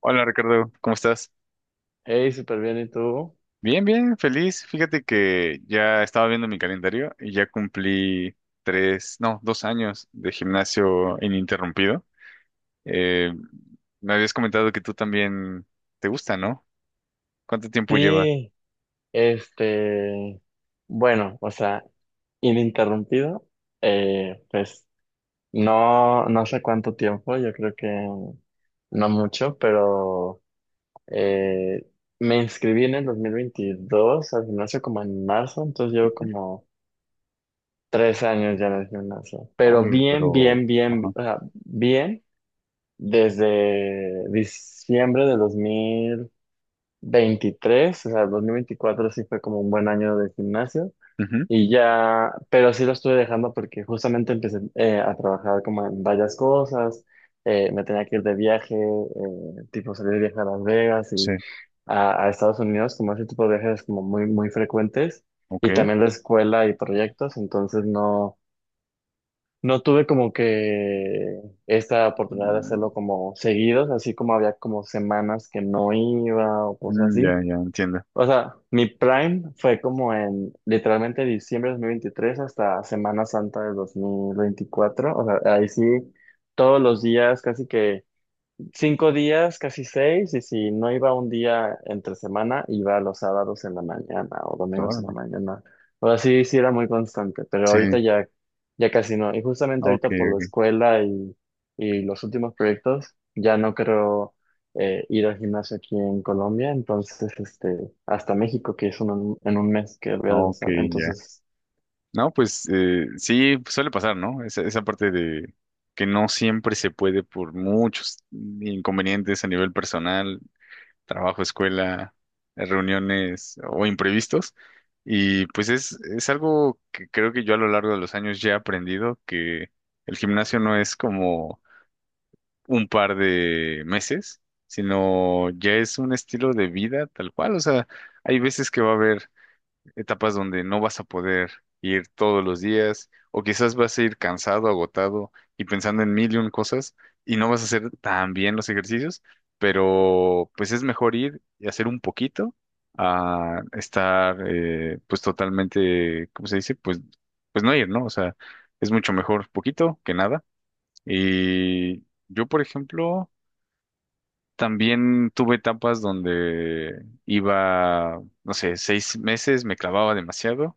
Hola Ricardo, ¿cómo estás? Hey, súper bien, ¿y tú? Bien, bien, feliz. Fíjate que ya estaba viendo mi calendario y ya cumplí tres, no, 2 años de gimnasio ininterrumpido. Eh, Me habías comentado que tú también te gusta, ¿no? ¿Cuánto tiempo llevas? Sí, este, bueno, o sea, ininterrumpido, pues no, no sé cuánto tiempo, yo creo que no mucho, pero eh, me inscribí en el 2022 al gimnasio como en marzo, entonces llevo Ujú. como 3 años ya en el gimnasio, pero Uy, bien, pero... bien, bien, Ajá. o sea, bien desde diciembre de 2023, o sea, 2024 sí fue como un buen año de gimnasio. Ujú, Y ya, pero sí lo estuve dejando porque justamente empecé a trabajar como en varias cosas, me tenía que ir de viaje, tipo salir de viaje a Las Vegas sí, y a Estados Unidos, como ese tipo de viajes como muy, muy frecuentes, y ok. también la escuela y proyectos. Entonces no, no tuve como que esta oportunidad de Mm, hacerlo como seguidos, así como había como semanas que no iba o cosas mm, ya, así. ya, entiendo. O sea, mi prime fue como en literalmente diciembre de 2023 hasta Semana Santa de 2024. O sea, ahí sí, todos los días casi que 5 días, casi 6, y si no iba un día entre semana, iba los sábados en la mañana o domingos en la Órale. mañana. Ahora sí, sí era muy constante, pero Sí, ahorita ya, ya casi no. Y justamente ok, ahorita por la ok. escuela y los últimos proyectos, ya no creo ir al gimnasio aquí en Colombia, entonces hasta México, que es en un mes que voy a Ok, regresar. ya. Entonces, No, pues sí, suele pasar, ¿no? Esa parte de que no siempre se puede por muchos inconvenientes a nivel personal, trabajo, escuela, reuniones o imprevistos. Y pues es algo que creo que yo a lo largo de los años ya he aprendido, que el gimnasio no es como un par de meses, sino ya es un estilo de vida tal cual. O sea, hay veces que va a haber etapas donde no vas a poder ir todos los días o quizás vas a ir cansado, agotado y pensando en mil y un cosas y no vas a hacer tan bien los ejercicios, pero pues es mejor ir y hacer un poquito a estar pues totalmente, ¿cómo se dice? Pues no ir, ¿no? O sea, es mucho mejor poquito que nada. Y yo, por ejemplo... También tuve etapas donde iba, no sé, 6 meses, me clavaba demasiado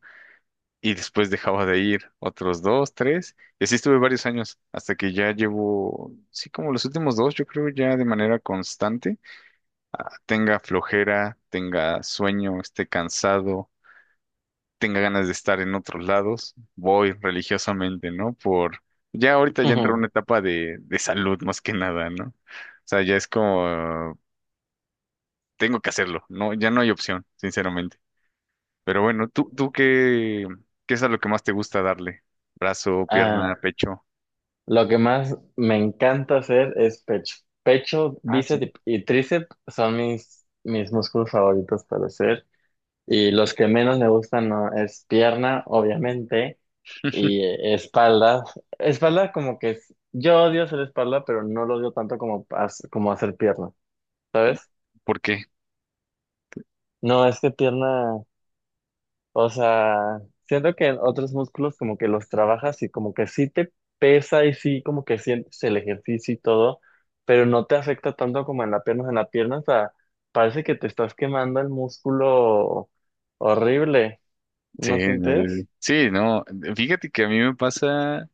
y después dejaba de ir otros dos, tres, y así estuve varios años, hasta que ya llevo, sí, como los últimos dos, yo creo ya de manera constante, tenga flojera, tenga sueño, esté cansado, tenga ganas de estar en otros lados, voy religiosamente, ¿no? Ya ahorita ya entré en ujú. una etapa de salud más que nada, ¿no? O sea, ya es como, tengo que hacerlo, no, ya no hay opción, sinceramente. Pero bueno, ¿tú qué, qué es a lo que más te gusta darle? Brazo, pierna, Ah, pecho. lo que más me encanta hacer es pecho. Pecho, Ah, sí. bíceps y tríceps son mis músculos favoritos para hacer. Y los que menos me gustan, no, es pierna, obviamente, y espalda. Espalda como que yo odio hacer espalda, pero no lo odio tanto como, como hacer pierna, ¿sabes? ¿Por qué? No, es que pierna, o sea, siento que en otros músculos como que los trabajas y como que sí te pesa y sí como que sientes el ejercicio y todo, pero no te afecta tanto como en la pierna. En la pierna, o sea, parece que te estás quemando el músculo horrible. Sí, ¿No sientes? sí, no. Fíjate que a mí me pasa.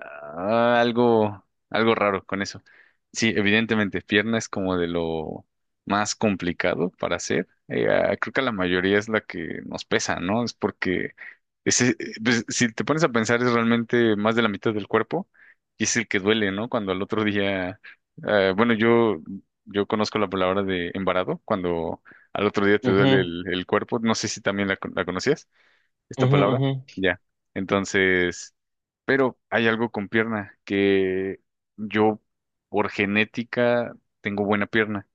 Ah, algo raro con eso. Sí, evidentemente, pierna es como de lo más complicado para hacer. Creo que la mayoría es la que nos pesa, ¿no? Es porque pues, si te pones a pensar es realmente más de la mitad del cuerpo y es el que duele, ¿no? Cuando al otro día, bueno, yo conozco la palabra de embarado, cuando al otro día te duele el cuerpo, no sé si también la conocías, esta Ujú, ujú, palabra. ujú. Ya. Entonces... Pero hay algo con pierna, que yo por genética tengo buena pierna.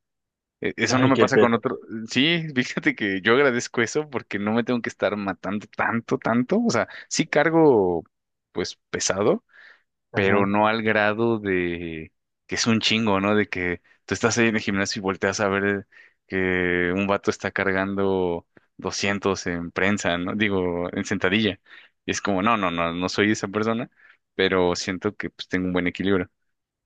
Eso no Ay, me qué pasa con pena. otro. Sí, fíjate que yo agradezco eso porque no me tengo que estar matando tanto, tanto. O sea, sí cargo pues pesado, pero Ajá, no al grado de que es un chingo, ¿no? De que tú estás ahí en el gimnasio y volteas a ver que un vato está cargando 200 en prensa, ¿no? Digo, en sentadilla. Y es como, no, no, no, no soy esa persona, pero siento que pues tengo un buen equilibrio.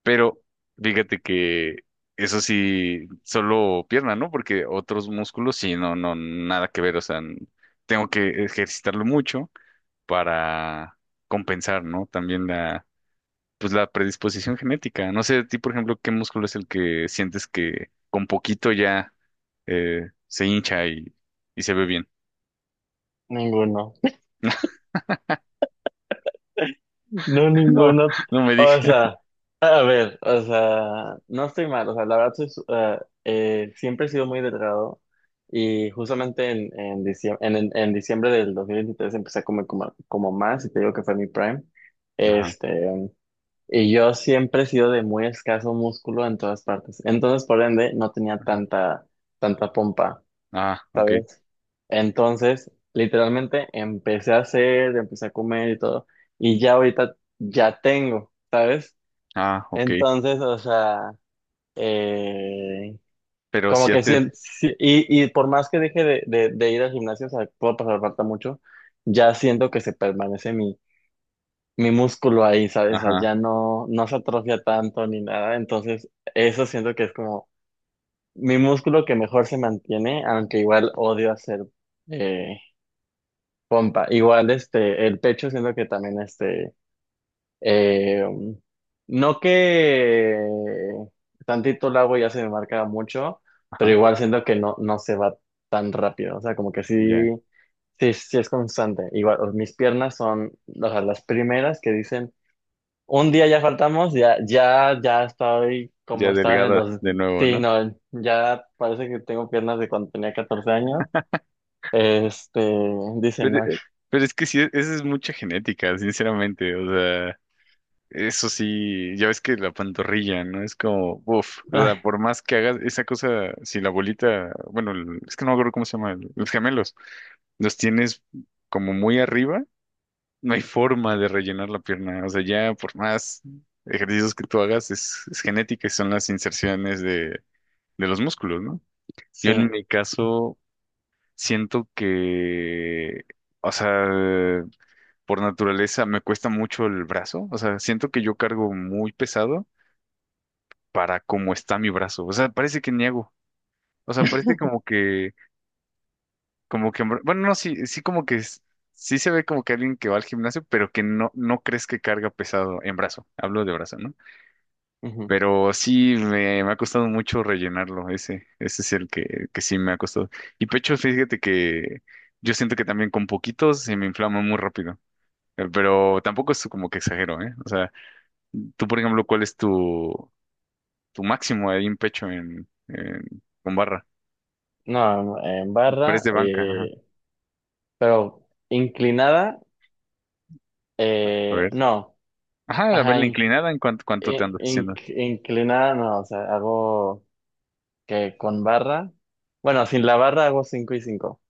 Pero fíjate que eso sí, solo pierna, ¿no? Porque otros músculos sí, no, no, nada que ver, o sea, tengo que ejercitarlo mucho para compensar, ¿no? También la pues la predisposición genética. No sé, a ti, por ejemplo, ¿qué músculo es el que sientes que con poquito ya se hincha y se ve bien? ninguno. No, No, ninguno. no me O dije. sea, a ver, o sea, no estoy mal. O sea, la verdad, soy siempre he sido muy delgado. Y justamente en diciembre del 2023 empecé a comer como más. Y te digo que fue mi prime. Ajá, Este, y yo siempre he sido de muy escaso músculo en todas partes. Entonces, por ende, no tenía ajá. Tanta pompa. Ah, ok. ¿Sabes? Entonces, literalmente empecé a comer y todo, y ya ahorita ya tengo, ¿sabes? Ah, ok. Entonces, o sea, eh, Pero como si que sí, haces, y por más que deje de ir al gimnasio, o sea, puedo pasar falta mucho, ya siento que se permanece mi músculo ahí, ¿sabes? O sea, ajá, ya no, no se atrofia tanto ni nada. Entonces eso siento que es como mi músculo que mejor se mantiene, aunque igual odio hacer. eh, Pompa, igual el pecho siento que también eh, no que tantito el agua ya se me marca mucho, pero ajá, igual siento que no, no se va tan rápido, o sea, como que sí, ya, sí, sí es constante. Igual, mis piernas son, o sea, las primeras que dicen, un día ya faltamos, ya, ya, ya estoy como ya estaba en el delgada dos, de nuevo, sí, ¿no? no, ya parece que tengo piernas de cuando tenía 14 años. este, dicen, Pero, no, eh, pero es que sí, eso es mucha genética, sinceramente. O sea. Eso sí, ya ves que la pantorrilla, ¿no? Es como, uff, o sea, ay, por más que hagas esa cosa, si la bolita, bueno, es que no me acuerdo cómo se llama, el- los gemelos, los tienes como muy arriba, no hay forma de rellenar la pierna, o sea, ya por más ejercicios que tú hagas, es genética y son las inserciones de los músculos, ¿no? Yo en sí. mi caso siento que, o sea, por naturaleza me cuesta mucho el brazo, o sea, siento que yo cargo muy pesado para cómo está mi brazo. O sea, parece que niego. O sea, parece bueno, no, sí, sí como que sí se ve como que alguien que va al gimnasio, pero que no, no crees que carga pesado en brazo. Hablo de brazo, ¿no? Pero sí me ha costado mucho rellenarlo. Ese es el que sí me ha costado. Y pecho, fíjate que yo siento que también con poquitos se me inflama muy rápido. Pero tampoco es como que exagero, ¿eh? O sea, tú, por ejemplo, ¿cuál es tu máximo ahí en pecho con barra? No, no, en Press barra, de banca, ajá. Pero inclinada, A ver. no, Ajá, a ver ajá, la inclinada, ¿en cuánto te andas haciendo? Inclinada, no, o sea, hago que con barra, bueno, sin la barra hago 5 y cinco,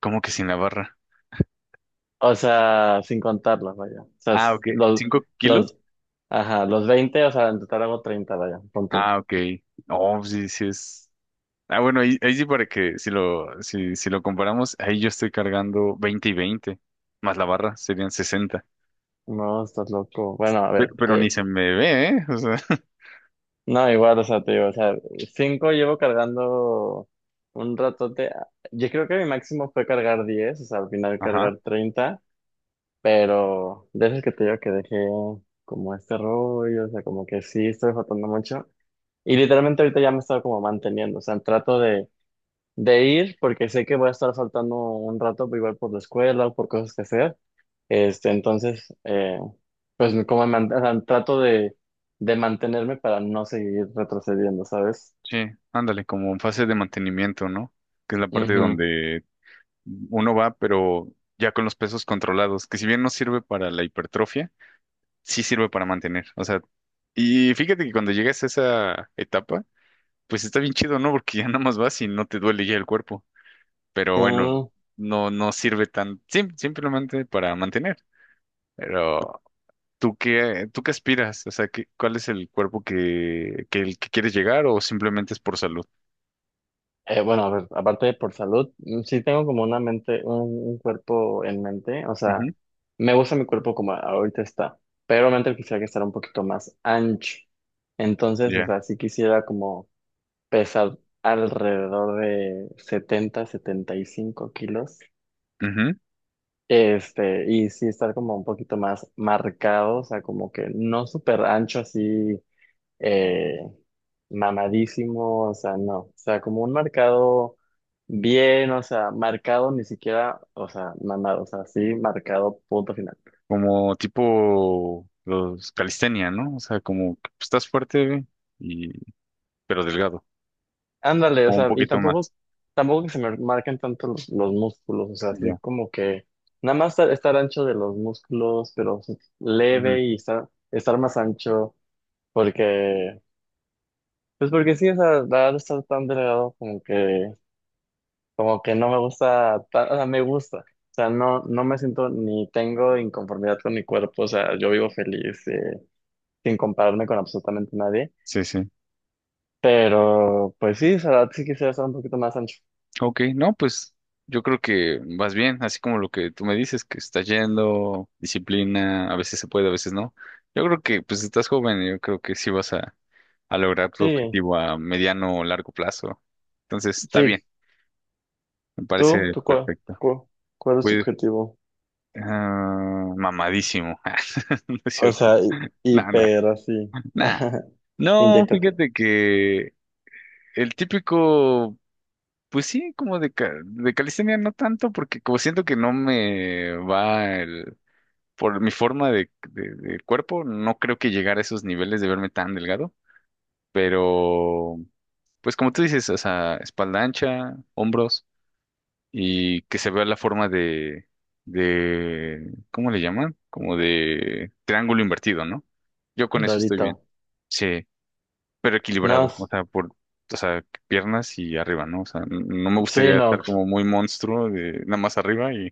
¿Cómo que sin la barra? o sea, sin contarlas, vaya, o sea, Ah, ok. ¿5 kilos? los, ajá, los 20, o sea, en total hago 30, vaya, pon tú. Ah, ok. Oh, sí, sí es. Ah, bueno, ahí, ahí sí para que si lo, si, si lo comparamos, ahí yo estoy cargando 20 y 20 más la barra serían 60. No, estás loco. Bueno, a ver, Pero ni se me ve, ¿eh? O sea, no, igual, o sea, te digo, o sea, 5 llevo cargando un ratote. Yo creo que mi máximo fue cargar 10, o sea, al final ajá. cargar 30, pero de esas que te digo que dejé como este rollo, o sea, como que sí estoy faltando mucho. Y literalmente ahorita ya me he estado como manteniendo, o sea, trato de ir, porque sé que voy a estar faltando un rato, pues, igual por la escuela o por cosas que hacer. Entonces, pues como o sea, trato de mantenerme para no seguir retrocediendo, ¿sabes? Sí, ándale, como en fase de mantenimiento, ¿no? Que es la parte Ujú. donde uno va, pero ya con los pesos controlados, que si bien no sirve para la hipertrofia, sí sirve para mantener. O sea, y fíjate que cuando llegas a esa etapa, pues está bien chido, ¿no? Porque ya nada más vas y no te duele ya el cuerpo. Pero bueno, Sí. no, no sirve simplemente para mantener. Pero, tú qué aspiras? O sea, cuál es el cuerpo el que quieres llegar o simplemente es por salud? Bueno, a ver, aparte de por salud, sí tengo como una mente, un cuerpo en mente, o sea, Ujú, me gusta mi cuerpo como ahorita está, pero realmente quisiera que estar un poquito más ancho. Entonces, o ya. sea, sí quisiera como pesa alrededor de 70, 75 kilos. Ujú. Y sí estar como un poquito más marcado, o sea, como que no súper ancho así, eh, mamadísimo, o sea, no, o sea, como un marcado bien, o sea, marcado ni siquiera, o sea, mamado, o sea, sí, marcado punto final. Como tipo los calistenia, ¿no? O sea, como que estás fuerte y, pero delgado. Ándale, O o un sea, y poquito más. tampoco que se me marquen tanto los músculos, o sea, así Ya. como que nada más estar ancho de los músculos, pero sí Ujú. leve y estar más ancho, porque, pues porque sí, o sea, la verdad estar tan delgado como que no me gusta, o sea, me gusta, o sea, no, no me siento ni tengo inconformidad con mi cuerpo, o sea, yo vivo feliz, sin compararme con absolutamente nadie, Sí, sí. pero pues sí, o sea, la verdad sí quisiera estar un poquito más ancho. Ok, no, pues yo creo que vas bien, así como lo que tú me dices, que estás yendo, disciplina, a veces se puede, a veces no. Yo creo que pues estás joven y yo creo que sí vas a lograr tu Sí, objetivo a mediano o largo plazo. Entonces, está bien, sí, me parece ¿Tú perfecto. cuál cuál, es tu Pues, objetivo? ah, mamadísimo. No es O cierto. sea, Nada, hiper así. nada. No, Inyéctate. fíjate que el típico. Pues sí, de calistenia no tanto, porque como siento que no me va por mi forma de cuerpo, no creo que llegar a esos niveles de verme tan delgado, pero pues como tú dices, o sea, espalda ancha, hombros y que se vea la forma ¿cómo le llaman? Como de triángulo invertido, ¿no? Yo con Pero eso estoy bien. ahorita. Sí pero No, equilibrado, o sea, o sea, piernas y arriba, ¿no? O sea, no me sí, gustaría no, estar como muy monstruo de nada más arriba y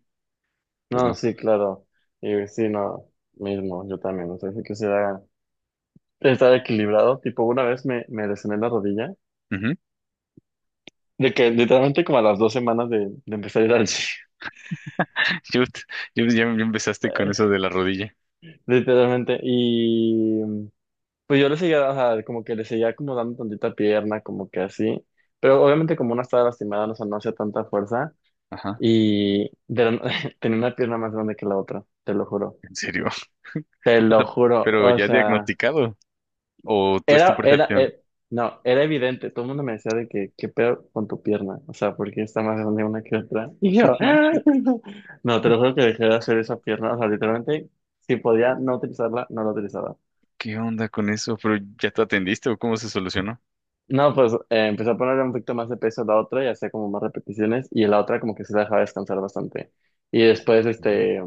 pues no, no. sí, claro. Y sí, no, mismo, yo también. O sea, sí quisiera estar equilibrado. Tipo, una vez me lesioné la rodilla. Ujú. De que literalmente como a las 2 semanas de empezar a ir al gym. Shoot, ya, ya empezaste con eso Eh, de la rodilla. literalmente. Y pues yo le seguía, o sea, como que le seguía como dando tantita pierna, como que así. Pero obviamente como una estaba lastimada, no, o sea, no hacía tanta fuerza. Ajá, Y tenía una pierna más grande que la otra, te lo juro. en serio. Te O lo sea, juro, pero o ya sea, diagnosticado o tú es tu era, era, percepción. eh, no, era evidente. Todo el mundo me decía de que, qué pedo con tu pierna, o sea, porque está más grande una que otra. Y yo, No ¡ah! manches. no, te lo juro que dejé de hacer esa pierna, o sea, literalmente, si podía no utilizarla, no la utilizaba. ¿Qué onda con eso? ¿Pero ya te atendiste o cómo se solucionó? No, pues empecé a ponerle un poquito más de peso a la otra y hacía como más repeticiones, y la otra como que se la dejaba descansar bastante. Y después, ¿Qué?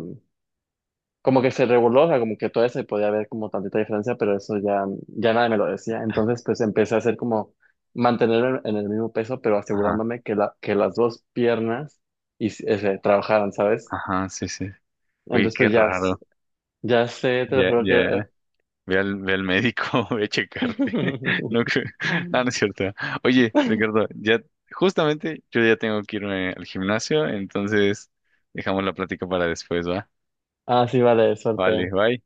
como que se reguló, o sea, como que todavía se podía ver como tantita diferencia, pero eso ya, ya nadie me lo decía. Entonces, pues empecé a hacer como mantenerme en el mismo peso, pero Ajá, asegurándome que, que las dos piernas y, trabajaran, ¿sabes? ajá, sí, sí. Oye, Entonces, qué pues ya, raro. ya sé, te lo Ya, juro que... ya. Ve al médico, ve a checarte. No, que- no, no es cierto. Oye, Ricardo, ya justamente yo ya tengo que irme al gimnasio, entonces dejamos la plática para después, ¿va? Ah, sí, vale, Vale, suerte. bye.